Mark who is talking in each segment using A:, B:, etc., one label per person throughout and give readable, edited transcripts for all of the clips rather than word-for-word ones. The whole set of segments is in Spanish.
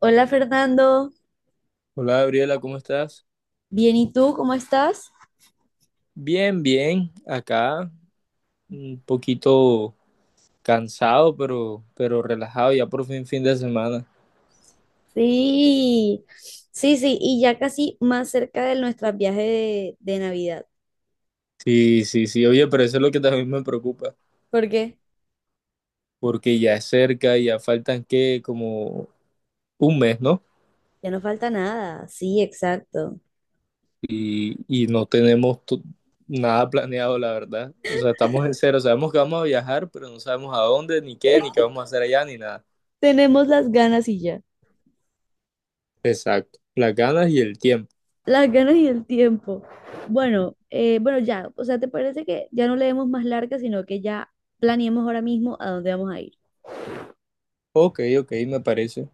A: Hola Fernando.
B: Hola Gabriela, ¿cómo estás?
A: Bien, ¿y tú cómo estás?
B: Bien, bien, acá un poquito cansado, pero relajado, ya por fin fin de semana.
A: Sí, sí, sí, y ya casi más cerca de nuestro viaje de Navidad.
B: Sí, sí, sí, oye, pero eso es lo que también me preocupa,
A: ¿Por qué?
B: porque ya es cerca, ya faltan que como un mes, ¿no?
A: Ya no falta nada, sí, exacto.
B: Y no tenemos nada planeado, la verdad. O sea, estamos en cero, sabemos que vamos a viajar, pero no sabemos a dónde, ni qué vamos a hacer allá, ni nada.
A: Tenemos las ganas y ya.
B: Exacto, las ganas y el tiempo.
A: Las ganas y el tiempo. Bueno, bueno, ya, o sea, ¿te parece que ya no le demos más larga, sino que ya planeemos ahora mismo a dónde vamos a ir?
B: Ok, ok, me parece,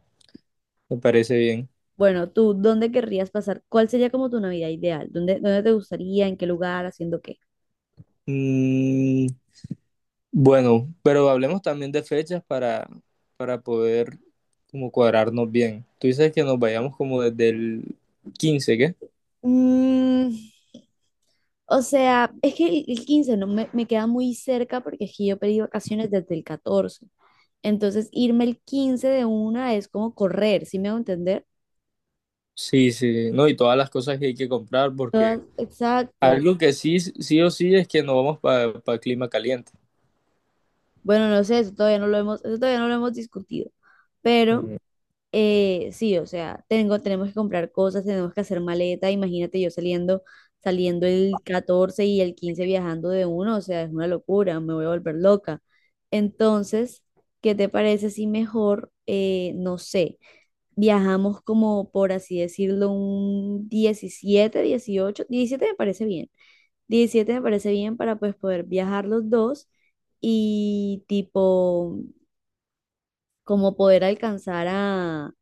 B: me parece bien.
A: Bueno, tú, ¿dónde querrías pasar? ¿Cuál sería como tu Navidad ideal? ¿Dónde, dónde te gustaría? ¿En qué lugar? ¿Haciendo qué?
B: Mm, Bueno, pero hablemos también de fechas para poder como cuadrarnos bien. Tú dices que nos vayamos como desde el 15, ¿qué?
A: Mm. O sea, es que el 15 no me queda muy cerca, porque es que yo pedí vacaciones desde el 14. Entonces, irme el 15 de una es como correr, ¿sí me hago entender?
B: Sí, sí, no, y todas las cosas que hay que comprar
A: Todas,
B: porque
A: exacto.
B: algo que sí, sí o sí es que no vamos para clima caliente.
A: Bueno, no sé, eso todavía no lo hemos discutido. Pero
B: Mm.
A: Sí, o sea, tenemos que comprar cosas, tenemos que hacer maleta. Imagínate yo saliendo el 14 y el 15 viajando de uno, o sea, es una locura, me voy a volver loca. Entonces, ¿qué te parece si mejor, no sé, viajamos como por así decirlo, un 17 me parece bien. Diecisiete me parece bien para pues poder viajar los dos y tipo, como poder alcanzar a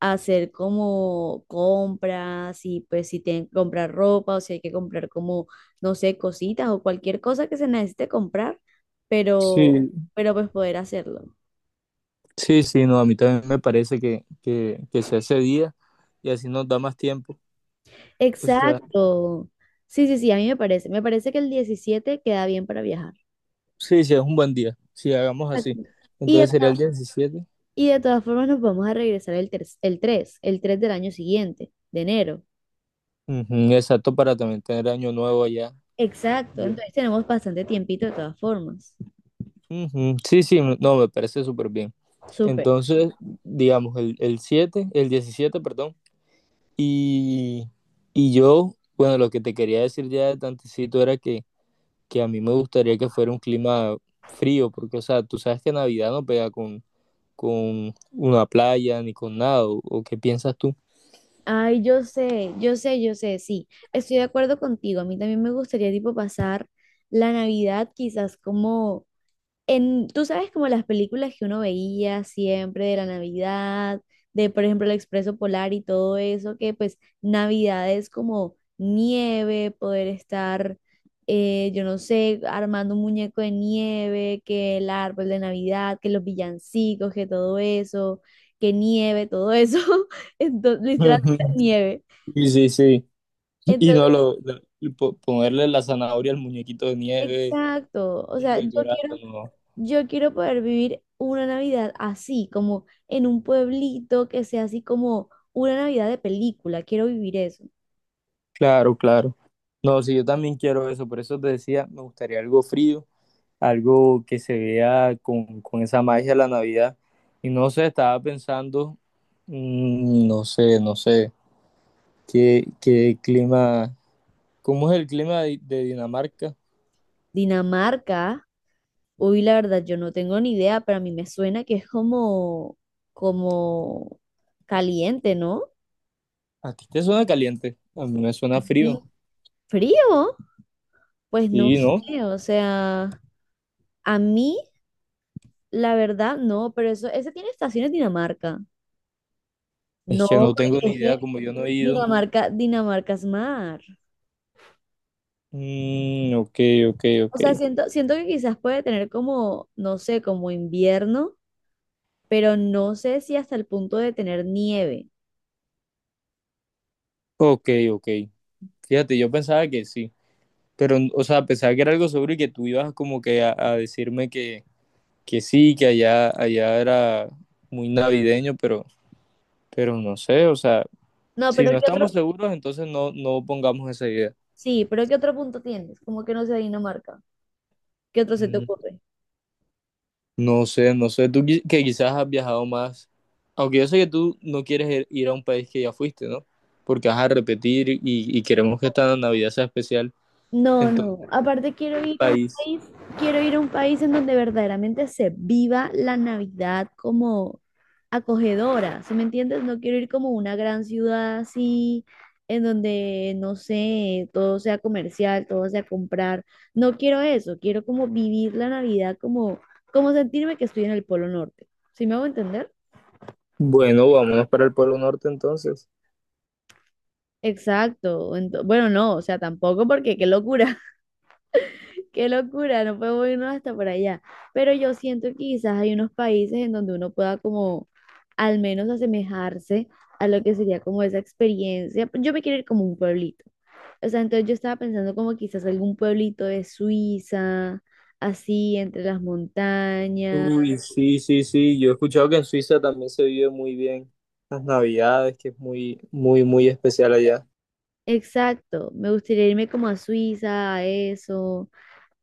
A: hacer como compras, y pues si tienen que comprar ropa o si hay que comprar como, no sé, cositas o cualquier cosa que se necesite comprar, pero,
B: Sí,
A: pero pues poder hacerlo.
B: sí, sí, no, a mí también me parece que sea ese día y así nos da más tiempo. O sea,
A: Exacto. Sí, sí, sí, a mí me parece. Me parece que el 17 queda bien para viajar.
B: sí, sí, es un buen día, si hagamos así.
A: Exacto. Y de,
B: Entonces
A: to-
B: sería el 17.
A: y de todas formas nos vamos a regresar el 3 del año siguiente, de enero.
B: Ujú, exacto, para también tener año nuevo allá.
A: Exacto, entonces tenemos bastante tiempito de todas formas.
B: Ujú, sí, sí, no, me parece súper bien.
A: Súper.
B: Entonces, digamos, el 7 el 17 perdón, y, y yo, bueno, lo que te quería decir ya de tantecito era que, a mí me gustaría que fuera un clima frío, porque, o sea, tú sabes que Navidad no pega con una playa ni con nada, ¿o qué piensas tú?
A: Ay, yo sé, yo sé, yo sé, sí, estoy de acuerdo contigo. A mí también me gustaría, tipo, pasar la Navidad quizás como en, tú sabes, como las películas que uno veía siempre de la Navidad, de por ejemplo el Expreso Polar y todo eso, que pues Navidad es como nieve, poder estar, yo no sé, armando un muñeco de nieve, que el árbol de Navidad, que los villancicos, que todo eso, que nieve, todo eso, entonces, literalmente
B: Ujú,
A: nieve.
B: sí, sí, sí. Y no
A: Entonces,
B: ponerle la zanahoria al muñequito de nieve
A: exacto, o
B: y
A: sea, yo
B: decorarlo,
A: quiero...
B: no.
A: Yo quiero poder vivir una Navidad así, como en un pueblito que sea así como una Navidad de película. Quiero vivir eso.
B: Claro, claro. No, sí, yo también quiero eso, por eso te decía, me gustaría algo frío, algo que se vea con, esa magia de la Navidad. Y no sé, estaba pensando, no sé, no sé, qué clima, ¿cómo es el clima de Dinamarca?
A: Dinamarca, uy, la verdad, yo no tengo ni idea, pero a mí me suena que es como, como caliente, ¿no?
B: ¿A ti te suena caliente? A mí me suena frío.
A: Y frío, pues no
B: Sí, ¿no?
A: sé, o sea, a mí, la verdad, no, pero eso, ese tiene estaciones Dinamarca.
B: Es
A: No,
B: que no
A: porque
B: tengo ni
A: es
B: idea,
A: que
B: como yo no he ido.
A: Dinamarca, Dinamarca es mar.
B: Ok, ok,
A: O sea,
B: ok.
A: siento que quizás puede tener como, no sé, como invierno, pero no sé si hasta el punto de tener nieve.
B: Ok, ok. Fíjate, yo pensaba que sí. Pero, o sea, pensaba que era algo seguro y que tú ibas como que a decirme que sí, que allá, allá era muy navideño, pero no sé, o sea,
A: No,
B: si
A: pero
B: no
A: ¿qué
B: estamos
A: otro?
B: seguros, entonces no, no pongamos esa idea.
A: Sí, pero ¿qué otro punto tienes? Como que no sea Dinamarca. ¿Qué otro se te
B: Mm,
A: ocurre?
B: No sé, no sé, tú que quizás has viajado más, aunque yo sé que tú no quieres ir a un país que ya fuiste, ¿no? Porque vas a repetir y queremos que esta Navidad sea especial.
A: No, no.
B: Entonces,
A: Aparte
B: ¿qué país?
A: quiero ir a un país en donde verdaderamente se viva la Navidad como acogedora, ¿sí me entiendes? No quiero ir como a una gran ciudad así, en donde, no sé, todo sea comercial, todo sea comprar. No quiero eso, quiero como vivir la Navidad como, como sentirme que estoy en el Polo Norte. ¿Sí me hago entender?
B: Bueno, vámonos para el Polo Norte entonces.
A: Exacto. Bueno, no, o sea, tampoco, porque qué locura. Qué locura, no podemos irnos hasta por allá. Pero yo siento que quizás hay unos países en donde uno pueda como al menos asemejarse a lo que sería como esa experiencia. Yo me quiero ir como un pueblito. O sea, entonces yo estaba pensando como quizás algún pueblito de Suiza, así entre las montañas.
B: Uy, sí, sí, sí. Yo he escuchado que en Suiza también se vive muy bien las Navidades, que es muy, muy, muy especial allá.
A: Exacto, me gustaría irme como a Suiza, a eso,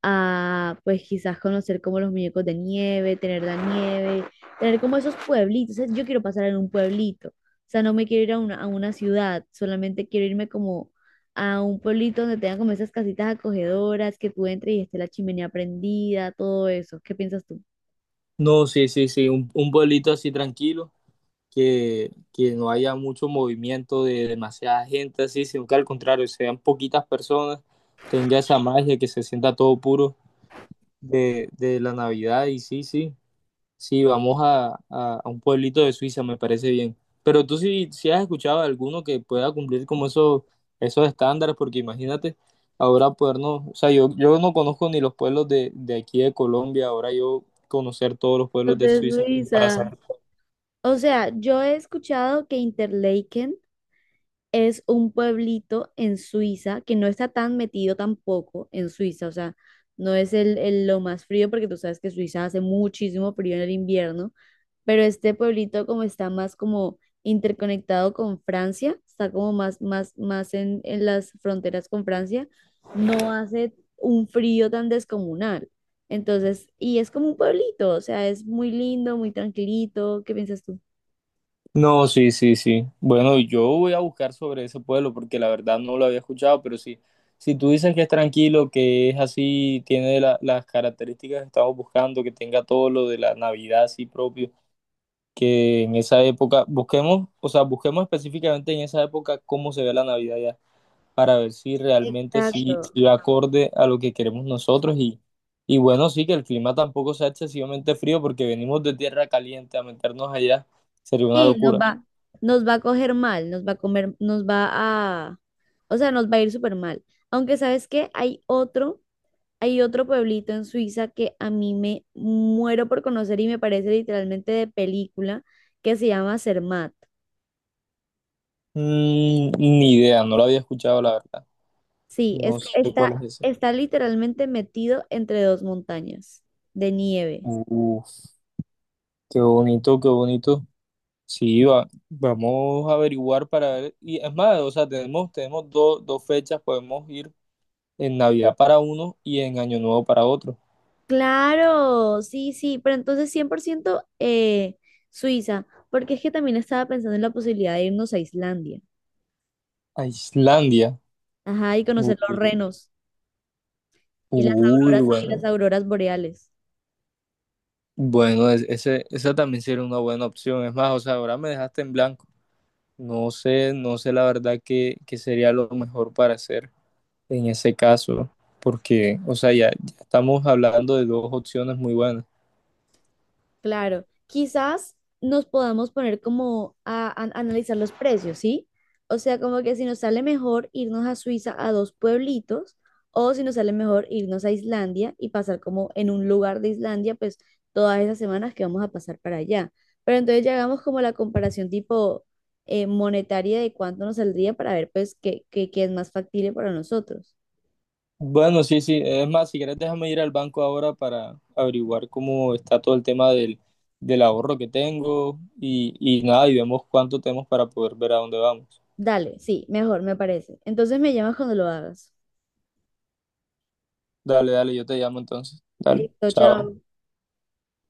A: a pues quizás conocer como los muñecos de nieve, tener la nieve, tener como esos pueblitos. O sea, yo quiero pasar en un pueblito, o sea, no me quiero ir a a una ciudad, solamente quiero irme como a un pueblito donde tengan como esas casitas acogedoras, que tú entres y esté la chimenea prendida, todo eso. ¿Qué piensas tú?
B: No, sí, sí, sí. Un pueblito así tranquilo, que no haya mucho movimiento de demasiada gente, así, sino que al contrario, sean poquitas personas, tenga esa magia, que se sienta todo puro de, la Navidad. Y sí, sí. Sí, vamos a un pueblito de Suiza, me parece bien. Pero tú sí, sí has escuchado de alguno que pueda cumplir como esos, estándares, porque imagínate, ahora podernos, o sea, yo, no conozco ni los pueblos de aquí de Colombia, ahora yo conocer todos los pueblos
A: Los
B: de
A: de
B: Suiza como para
A: Suiza.
B: saber.
A: O sea, yo he escuchado que Interlaken es un pueblito en Suiza que no está tan metido tampoco en Suiza, o sea, no es el lo más frío, porque tú sabes que Suiza hace muchísimo frío en el invierno, pero este pueblito como está más como interconectado con Francia, está como más en las fronteras con Francia, no hace un frío tan descomunal. Entonces, y es como un pueblito, o sea, es muy lindo, muy tranquilito. ¿Qué piensas tú?
B: No, sí, sí, sí. Bueno, yo voy a buscar sobre ese pueblo porque la verdad no lo había escuchado, pero sí, si tú dices que es tranquilo, que es así, tiene las características que estamos buscando, que tenga todo lo de la Navidad así propio. Que en esa época busquemos, o sea, busquemos específicamente en esa época cómo se ve la Navidad ya, para ver si realmente sí,
A: Exacto.
B: sí va acorde a lo que queremos nosotros y bueno, sí que el clima tampoco sea excesivamente frío porque venimos de tierra caliente a meternos allá, sería una
A: Sí,
B: locura.
A: nos va a coger mal, nos va a comer, o sea, nos va a ir súper mal. Aunque sabes que hay otro pueblito en Suiza que a mí me muero por conocer y me parece literalmente de película, que se llama Zermatt.
B: Ni idea, no lo había escuchado la verdad,
A: Sí,
B: no sé cuál
A: está,
B: es ese.
A: está literalmente metido entre dos montañas de nieve.
B: Uf, qué bonito, qué bonito. Sí, vamos a averiguar para ver. Y es más, o sea, tenemos, tenemos dos fechas, podemos ir en Navidad para uno y en Año Nuevo para otro.
A: Claro, sí, sí, pero entonces 100%, Suiza, porque es que también estaba pensando en la posibilidad de irnos a Islandia.
B: A Islandia.
A: Ajá, y
B: Uy,
A: conocer los renos y
B: uy,
A: las
B: bueno.
A: auroras boreales.
B: Bueno, ese, esa también sería una buena opción. Es más, o sea, ahora me dejaste en blanco. No sé, no sé la verdad qué, sería lo mejor para hacer en ese caso, porque, o sea, ya estamos hablando de dos opciones muy buenas.
A: Claro, quizás nos podamos poner como a analizar los precios, ¿sí? O sea, como que si nos sale mejor irnos a Suiza a dos pueblitos, o si nos sale mejor irnos a Islandia y pasar como en un lugar de Islandia, pues todas esas semanas que vamos a pasar para allá. Pero entonces ya hagamos como la comparación, tipo, monetaria, de cuánto nos saldría para ver pues qué es más factible para nosotros.
B: Bueno, sí, sí. Es más, si quieres, déjame ir al banco ahora para averiguar cómo está todo el tema del ahorro que tengo y nada, y vemos cuánto tenemos para poder ver a dónde vamos.
A: Dale, sí, mejor, me parece. Entonces me llamas cuando lo hagas.
B: Dale, dale, yo te llamo entonces. Dale,
A: Listo,
B: chao.
A: chao.